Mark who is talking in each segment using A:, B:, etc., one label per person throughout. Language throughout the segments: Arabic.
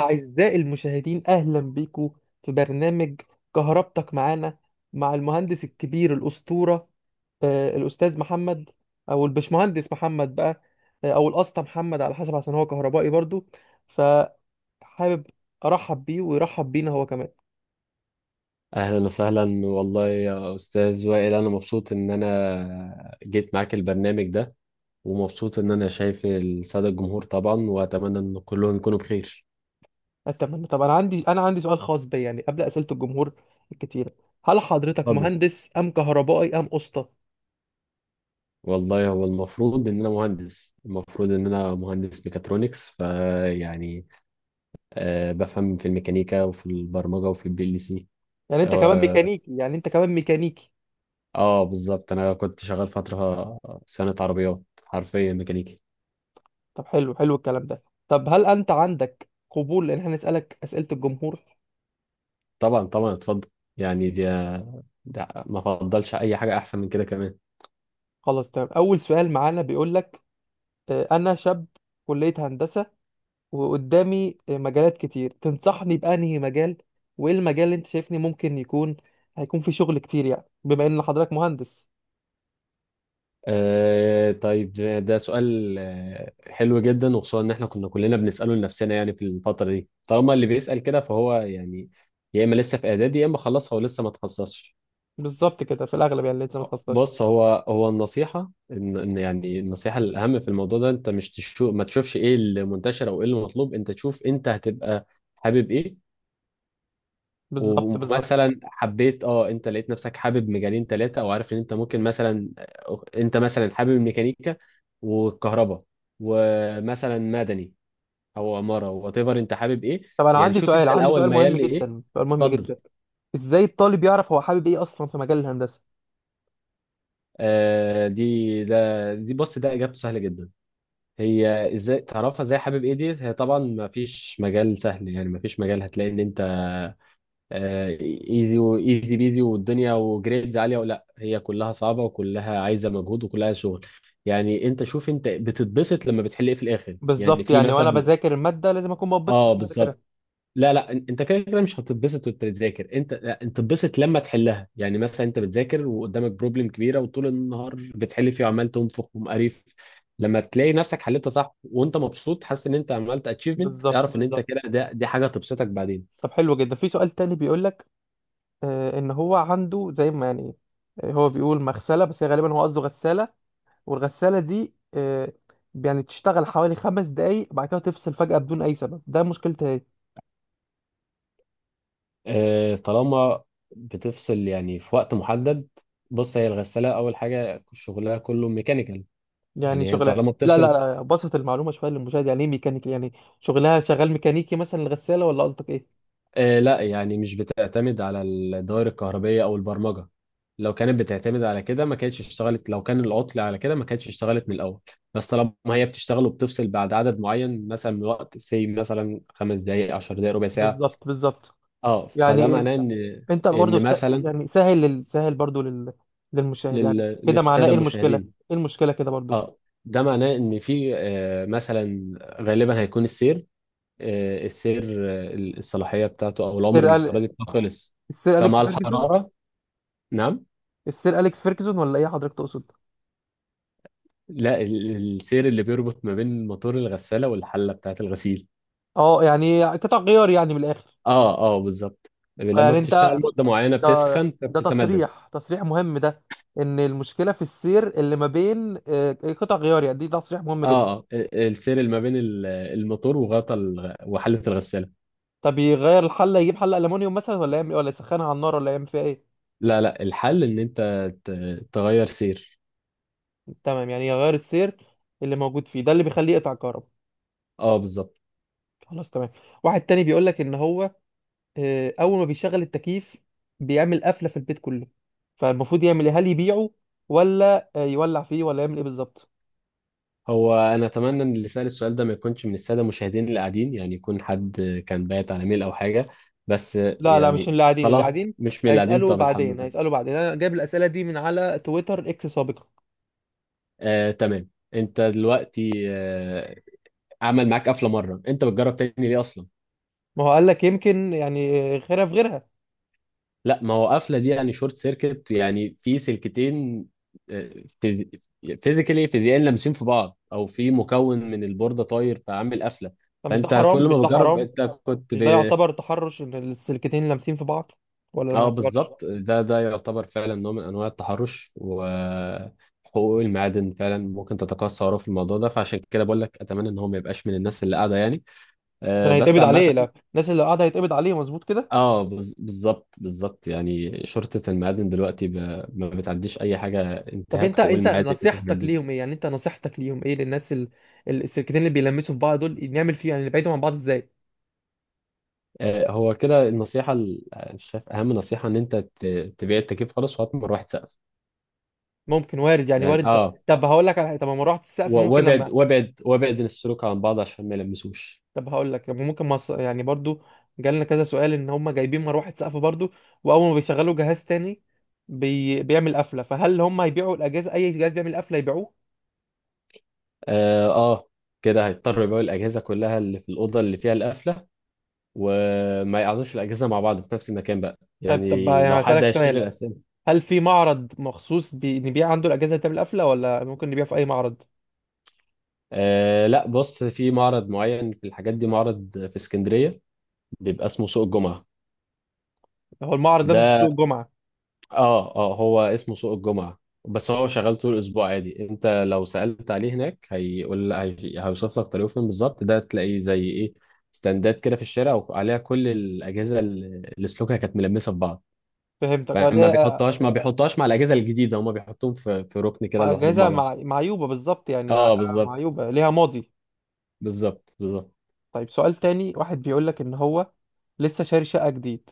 A: أعزائي المشاهدين أهلا بيكم في برنامج كهربتك معانا مع المهندس الكبير الأسطورة الأستاذ محمد أو البشمهندس محمد بقى، أو الأسطى محمد على حسب عشان هو كهربائي برضو. فحابب أرحب بيه ويرحب بينا هو كمان.
B: اهلا وسهلا والله يا استاذ وائل، انا مبسوط ان انا جيت معاك البرنامج ده. ومبسوط ان انا شايف الساده الجمهور طبعا، واتمنى ان كلهم يكونوا بخير.
A: أتمنى. طب أنا عندي سؤال خاص بي يعني قبل أسئلة الجمهور الكتيرة. هل حضرتك
B: اتفضل.
A: مهندس أم كهربائي أم أسطى؟
B: والله هو المفروض ان انا مهندس، المفروض ان انا مهندس ميكاترونكس، فيعني بفهم في الميكانيكا وفي البرمجه وفي البي ال سي.
A: يعني أنت كمان
B: اه,
A: ميكانيكي يعني أنت كمان ميكانيكي
B: بالظبط، انا كنت شغال فتره صيانه عربيات، حرفيا ميكانيكي.
A: طب حلو الكلام ده. طب هل انت عندك قبول ان احنا نسالك اسئله الجمهور؟
B: طبعا، طبعا، اتفضل. يعني ده ما فضلش اي حاجه احسن من كده كمان.
A: خلاص تمام. اول سؤال معانا بيقول لك انا شاب كليه هندسه وقدامي مجالات كتير، تنصحني بانهي مجال؟ وايه المجال اللي انت شايفني ممكن يكون هيكون فيه شغل كتير، يعني بما ان حضرتك مهندس؟
B: طيب، ده سؤال حلو جدا، وخصوصا ان احنا كنا كلنا بنساله لنفسنا يعني في الفتره دي. طالما اللي بيسال كده فهو يعني يا اما لسه في اعدادي يا اما خلص هو لسه ما تخصصش.
A: بالظبط كده، في الاغلب يعني لسه ما تخصصش.
B: بص، هو النصيحه إن يعني النصيحه الاهم في الموضوع ده، انت مش تشوف ما تشوفش ايه اللي منتشر او ايه اللي مطلوب، انت تشوف انت هتبقى حابب ايه.
A: بالظبط.
B: ومثلا حبيت انت لقيت نفسك حابب مجالين ثلاثه، او عارف ان انت ممكن مثلا انت مثلا حابب الميكانيكا والكهرباء ومثلا مدني او عماره، وات ايفر انت حابب ايه.
A: طب انا
B: يعني
A: عندي
B: شوف
A: سؤال،
B: انت
A: عندي
B: الاول
A: سؤال مهم
B: ميال لايه.
A: جدا سؤال مهم
B: اتفضل.
A: جدا ازاي الطالب يعرف هو حابب ايه اصلا في مجال الهندسه؟
B: آه دي ده دي بص ده اجابته سهله جدا. هي ازاي تعرفها، ازاي حابب ايه؟ دي هي طبعا ما فيش مجال سهل، يعني ما فيش مجال هتلاقي ان انت ايزي وايزي بيزي والدنيا وجريدز عاليه، ولا هي كلها صعبه وكلها عايزه مجهود وكلها شغل. يعني انت شوف انت بتتبسط لما بتحل ايه في الاخر، يعني
A: بالظبط،
B: في
A: يعني وانا
B: مثلا.
A: بذاكر الماده لازم اكون مبسوط
B: اه
A: وانا بذاكرها.
B: بالظبط. لا لا، انت كده كده مش هتتبسط وانت بتذاكر، انت لا، انت بتتبسط لما تحلها. يعني مثلا انت بتذاكر وقدامك بروبلم كبيره وطول النهار بتحل فيه وعمال تنفخ ومقريف، لما تلاقي نفسك حلتها صح وانت مبسوط حاسس ان انت عملت اتشيفمنت،
A: بالظبط
B: اعرف ان انت
A: بالظبط
B: كده، دي حاجه تبسطك بعدين.
A: طب حلو جدا. في سؤال تاني بيقول لك ان هو عنده زي ما يعني، هو بيقول مغسله بس هي غالبا هو قصده غساله، والغساله دي يعني تشتغل حوالي 5 دقايق بعد كده تفصل فجاه بدون اي سبب. ده مشكلتها ايه؟
B: طالما بتفصل يعني في وقت محدد. بص، هي الغسالة أول حاجة شغلها كله ميكانيكال.
A: يعني
B: يعني هي
A: شغلها،
B: طالما
A: لا لا
B: بتفصل،
A: لا، بسط المعلومه شويه للمشاهد. يعني ايه ميكانيكي؟ يعني شغلها شغال ميكانيكي مثلا الغساله، ولا قصدك ايه؟
B: لا يعني مش بتعتمد على الدوائر الكهربية أو البرمجة. لو كانت بتعتمد على كده ما كانتش اشتغلت، لو كان العطل على كده ما كانتش اشتغلت من الأول. بس طالما هي بتشتغل وبتفصل بعد عدد معين مثلا من وقت سي، مثلا 5 دقايق، 10 دقايق، ربع ساعة،
A: بالظبط بالظبط.
B: اه
A: يعني
B: فده
A: إيه؟
B: معناه إن،
A: انت برضه
B: إن مثلا،
A: يعني سهل برضه للمشاهد. يعني
B: لل...
A: كده معناه
B: للسادة
A: ايه المشكله؟
B: المشاهدين،
A: ايه المشكله كده برضه؟
B: اه ده معناه ان في مثلا غالبا هيكون السير، آه، السير الصلاحيه بتاعته او العمر الافتراضي بتاعه خلص،
A: السير اليكس
B: فمع
A: فيرجسون؟
B: الحراره. نعم.
A: السير اليكس فيرجسون ولا ايه حضرتك تقصد؟
B: لا، السير اللي بيربط ما بين موتور الغساله والحله بتاعه الغسيل.
A: اه، يعني قطع غيار يعني من الاخر.
B: اه اه، بالظبط. لما
A: يعني
B: بتشتغل
A: انت،
B: مده معينه
A: ده
B: بتسخن
A: ده
B: فبتتمدد.
A: تصريح، تصريح مهم ده. ان المشكله في السير اللي ما بين آه، إيه، قطع غيار يعني، دي تصريح مهم جدا.
B: اه اه، السير اللي ما بين الموتور وحله الغساله.
A: طب يغير الحله، يجيب حله المونيوم مثلا ولا يعمل إيه؟ ولا يسخنها على النار ولا يعمل فيها ايه؟
B: لا لا، الحل ان انت تغير سير.
A: تمام، يعني يغير السير اللي موجود فيه ده اللي بيخليه يقطع كهرباء.
B: اه بالظبط.
A: خلاص تمام. واحد تاني بيقول لك ان هو اول ما بيشغل التكييف بيعمل قفله في البيت كله، فالمفروض يعمل ايه؟ هل يبيعه ولا يولع فيه ولا يعمل ايه بالظبط؟
B: هو انا اتمنى ان اللي سأل السؤال ده ما يكونش من الساده المشاهدين اللي قاعدين، يعني يكون حد كان بايت على ميل او حاجه بس.
A: لا لا، مش
B: يعني
A: اللي قاعدين، اللي
B: طالما
A: قاعدين
B: مش من اللي قاعدين،
A: هيسالوا
B: طب الحمد
A: بعدين،
B: لله.
A: هيسالوا بعدين. انا جايب الاسئله دي من على تويتر اكس سابقا.
B: تمام. انت دلوقتي عمل معاك قفله مره، انت بتجرب تاني ليه اصلا؟
A: ما هو قال لك يمكن يعني غيرها في غيرها.
B: لا، ما هو قفله دي يعني شورت سيركت، يعني في سلكتين فيزيائيا لامسين في بعض، او في مكون من البورده طاير فعامل قفله.
A: فمش ده
B: فانت
A: حرام؟
B: كل
A: مش
B: ما
A: ده
B: بتجرب
A: حرام؟
B: انت كنت
A: مش ده يعتبر تحرش ان السلكتين لامسين في بعض ولا ما
B: اه
A: يعتبرش؟
B: بالظبط. ده يعتبر فعلا نوع من انواع التحرش، وحقوق المعادن فعلا ممكن تتقاصى وراه في الموضوع ده، فعشان كده بقول لك اتمنى ان هو ما يبقاش من الناس اللي قاعده يعني.
A: عشان
B: بس
A: هيتقبض
B: عامه،
A: عليه؟ لا، الناس اللي قاعده هيتقبض عليه مظبوط كده؟
B: بالظبط، بالظبط. يعني شرطه المعادن دلوقتي ما بتعديش اي حاجه،
A: طب
B: انتهاك
A: انت
B: حقوق
A: انت
B: المعادن والحاجات
A: نصيحتك
B: دي.
A: ليهم ايه؟ يعني انت نصيحتك ليهم ايه للناس السلكتين اللي بيلمسوا في بعض دول، نعمل فيه يعني، نبعدهم عن بعض ازاي؟
B: هو كده النصيحه، أنا شايف اهم نصيحه ان انت تبيع التكييف خالص وهات مروحه سقف.
A: ممكن، وارد، يعني
B: يعني
A: وارد. طب
B: اه،
A: طب هقول لك على حاجه، طب ما مروحه السقف ممكن
B: وابعد
A: لما.
B: وابعد وابعد السلوك عن بعض عشان ما يلمسوش.
A: طب هقول لك، يعني برضو جالنا كذا سؤال ان هم جايبين مروحه سقف برضو، واول ما بيشغلوا جهاز تاني بيعمل قفله، فهل هم هيبيعوا الاجهزه؟ اي جهاز بيعمل قفله يبيعوه؟
B: اه كده هيضطر يبيعوا الاجهزه كلها اللي في الاوضه اللي فيها القفله، وما يقعدوش الاجهزه مع بعض في نفس المكان بقى،
A: طب
B: يعني لو حد
A: هسألك
B: هيشتري
A: سؤال.
B: الاسامي.
A: هل في معرض مخصوص نبيع عنده الاجهزه اللي بتعمل قفله ولا ممكن نبيع في اي معرض؟
B: لا، بص في معرض معين في الحاجات دي، معرض في اسكندريه بيبقى اسمه سوق الجمعه.
A: هو المعرض نفسه في سوق
B: ده،
A: الجمعه؟
B: اه اه هو اسمه سوق الجمعه بس هو شغال طول الاسبوع عادي. انت لو سالت عليه هناك هيقول، هيوصف لك طريقه فين بالظبط. ده تلاقيه زي ايه؟ ستاندات كده في الشارع، وعليها كل الاجهزه اللي سلوكها كانت ملمسه في بعض.
A: فهمتك، اه،
B: فما بيحطهاش ما بيحطهاش مع الاجهزه الجديده، هما بيحطوهم في ركن كده
A: مع
B: لوحدهم
A: جاهزة،
B: مع بعض.
A: مع معيوبة بالظبط يعني،
B: اه بالظبط،
A: معيوبة ليها ماضي.
B: بالظبط. بالظبط.
A: طيب سؤال تاني. واحد بيقول لك ان هو لسه شاري شقة جديد،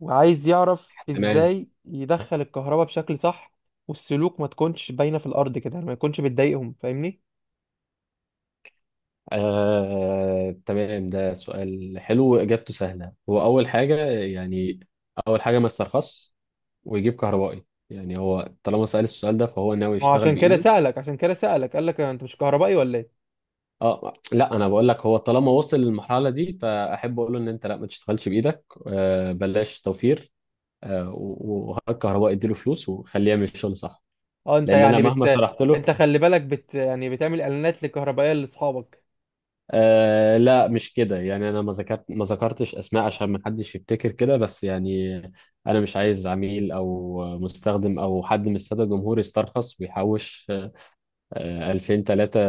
A: وعايز يعرف
B: تمام.
A: ازاي يدخل الكهرباء بشكل صح، والسلوك ما تكونش باينة في الارض كده، يعني ما يكونش بتضايقهم، فاهمني؟
B: تمام، ده سؤال حلو واجابته سهله. هو اول حاجه يعني، اول حاجه ما استرخصش ويجيب كهربائي. يعني هو طالما سأل السؤال ده فهو ناوي
A: ما هو
B: يشتغل
A: عشان كده
B: بايده.
A: سألك، عشان كده سألك، قال لك انت مش كهربائي ولا ايه؟
B: اه لا، انا بقول لك هو طالما وصل للمرحله دي فاحب اقول له ان انت لا، ما تشتغلش بايدك، بلاش توفير، وهات كهربائي، اديله فلوس، وخليه يعمل الشغل صح.
A: اه انت
B: لان انا
A: يعني
B: مهما
A: بت،
B: شرحت
A: انت
B: له،
A: خلي بالك بت يعني بتعمل اعلانات للكهربائية لاصحابك.
B: لا مش كده، يعني انا ما ذكرتش اسماء عشان ما حدش يفتكر كده، بس يعني انا مش عايز عميل او مستخدم او حد من الساده الجمهور يسترخص ويحوش 2000 3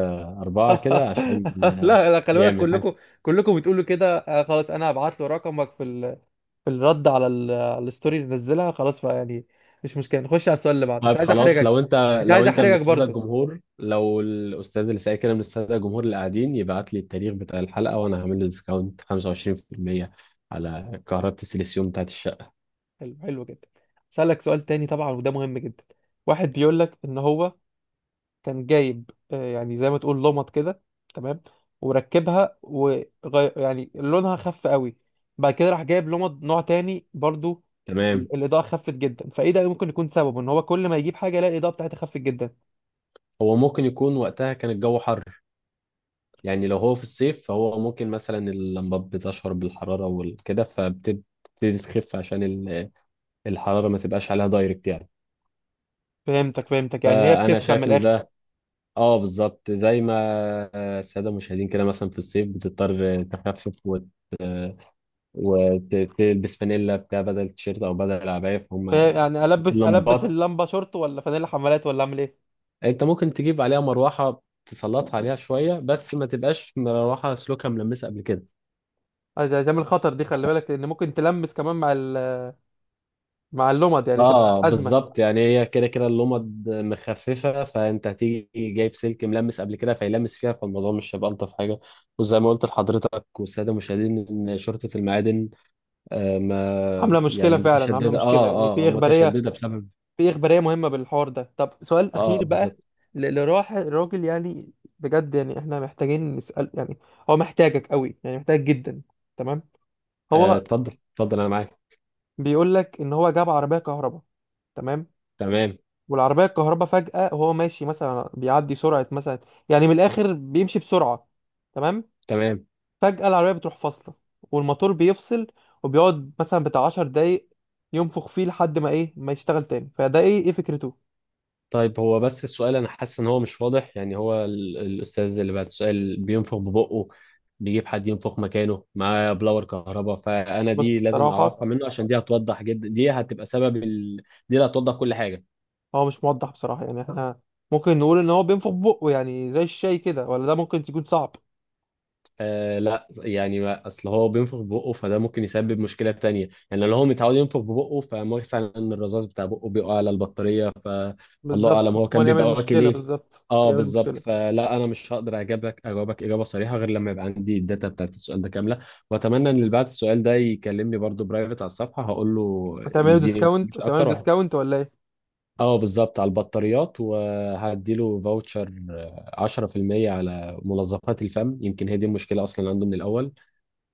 B: 4 كده عشان
A: لا لا، خلي بالك
B: يعمل حاجه.
A: كلكم، كلكم بتقولوا كده. خلاص، انا هبعت له رقمك في الرد على على الستوري اللي نزلها، خلاص بقى يعني. مش مشكله، نخش على السؤال اللي بعده، مش
B: طيب
A: عايز
B: خلاص،
A: احرجك. مش
B: لو
A: عايز
B: انت من
A: احرجك
B: الساده
A: برضو.
B: الجمهور، لو الاستاذ اللي سايق كده من الساده الجمهور اللي قاعدين، يبعت لي التاريخ بتاع الحلقه وانا هعمل له ديسكاونت 25% على كهرباء السيليسيوم بتاعت الشقه.
A: حلو، حلو جدا. اسالك سؤال تاني طبعا، وده مهم جدا. واحد بيقول لك ان هو كان جايب يعني زي ما تقول لمط كده، تمام، وركبها وغير، يعني لونها خف قوي، بعد كده راح جايب لمط نوع تاني برضو،
B: تمام.
A: الاضاءه خفت جدا. فايه ده؟ ممكن يكون سببه ان هو كل ما يجيب حاجه يلاقي الاضاءه بتاعتها خفت جدا؟
B: هو ممكن يكون وقتها كان الجو حر، يعني لو هو في الصيف فهو ممكن مثلا اللمبات بتشعر بالحرارة وكده فبتبتدي تخف عشان الحرارة ما تبقاش عليها دايركت يعني.
A: فهمتك، يعني هي
B: فأنا
A: بتسخن من
B: شايف إن
A: الاخر.
B: ده، اه بالظبط زي ما السادة المشاهدين كده مثلا في الصيف بتضطر تخفف وتلبس فانيلا بتاع بدل التيشيرت أو بدل العباية. فهم
A: فاهم، يعني البس، البس
B: اللمبات
A: اللمبه شورت ولا فانيلا حمالات ولا اعمل ايه؟
B: أنت ممكن تجيب عليها مروحة تسلطها عليها شوية، بس ما تبقاش مروحة سلوكها ملمسة قبل كده.
A: ده تعمل خطر دي، خلي بالك، لان ممكن تلمس كمان مع مع اللمض، يعني تبقى
B: اه
A: ازمه.
B: بالظبط، يعني هي كده كده اللمض مخففه، فانت هتيجي جايب سلك ملمس قبل كده فيلمس فيها، فالموضوع مش هيبقى الطف حاجه. وزي ما قلت لحضرتك والساده المشاهدين ان شرطه المعادن ما
A: عامله مشكله
B: يعني
A: فعلا، عامله
B: متشدده، اه
A: مشكله يعني،
B: اه،
A: في
B: آه،
A: اخباريه،
B: متشدده بسبب،
A: في اخباريه مهمه بالحوار ده. طب سؤال
B: اه
A: اخير بقى،
B: بالظبط.
A: لراح الراجل يعني، بجد يعني احنا محتاجين نسال يعني، هو محتاجك قوي، يعني محتاج جدا. تمام. هو
B: اتفضل، اتفضل، انا معاك.
A: بيقول لك ان هو جاب عربيه كهرباء، تمام،
B: تمام،
A: والعربية الكهرباء فجأة وهو ماشي مثلا بيعدي سرعة مثلا، يعني من الآخر بيمشي بسرعة، تمام،
B: تمام.
A: فجأة العربية بتروح فاصلة، والموتور بيفصل، وبيقعد مثلا بتاع 10 دقايق ينفخ فيه لحد ما إيه ما يشتغل تاني. فده إيه؟ إيه فكرته؟
B: طيب هو بس السؤال انا حاسس ان هو مش واضح، يعني هو الاستاذ اللي بعد السؤال بينفخ ببقه، بيجيب حد ينفخ مكانه معاه بلاور كهرباء؟ فانا
A: بص
B: دي لازم
A: بصراحة،
B: اعرفها منه عشان دي هتوضح جدا، دي هتبقى سبب دي اللي هتوضح كل حاجة.
A: هو مش موضح بصراحة يعني، إحنا ممكن نقول إن هو بينفخ بقه يعني زي الشاي كده، ولا ده ممكن تكون صعب.
B: لا يعني اصل هو بينفخ ببقه فده ممكن يسبب مشكله تانية، يعني لو هو متعود ينفخ ببقه فمثلا الرذاذ بتاع بقه بيقع على البطاريه، فالله
A: بالظبط،
B: اعلم هو
A: ما
B: كان بيبقى
A: يعمل
B: واكل
A: مشكلة،
B: ايه.
A: بالظبط
B: اه
A: يعمل
B: بالظبط،
A: مشكلة.
B: فلا انا مش هقدر اجاوبك اجابه صريحه غير لما يبقى عندي الداتا بتاعت السؤال ده كامله، واتمنى ان اللي بعت السؤال ده يكلمني برضو برايفت على الصفحه، هقول له
A: هتعمله
B: يديني
A: ديسكاونت؟
B: مش
A: هتعمله
B: اكتر واحد.
A: ديسكاونت ولا إيه؟
B: اه بالظبط، على البطاريات، وهديله فاوتشر 10% على منظفات الفم، يمكن هي دي المشكله اصلا عنده من الاول،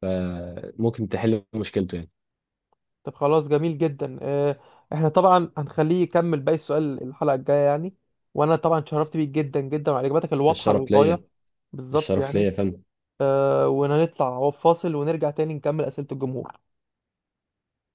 B: فممكن تحل مشكلته يعني.
A: طب خلاص، جميل جدا. احنا طبعا هنخليه يكمل باقي السؤال الحلقة الجاية يعني، وانا طبعا اتشرفت بيك جدا جدا، وعلى اجاباتك الواضحة
B: الشرف ليا.
A: للغاية. بالظبط
B: الشرف
A: يعني.
B: ليا، فاهم.
A: وهنطلع هو فاصل ونرجع تاني نكمل أسئلة الجمهور.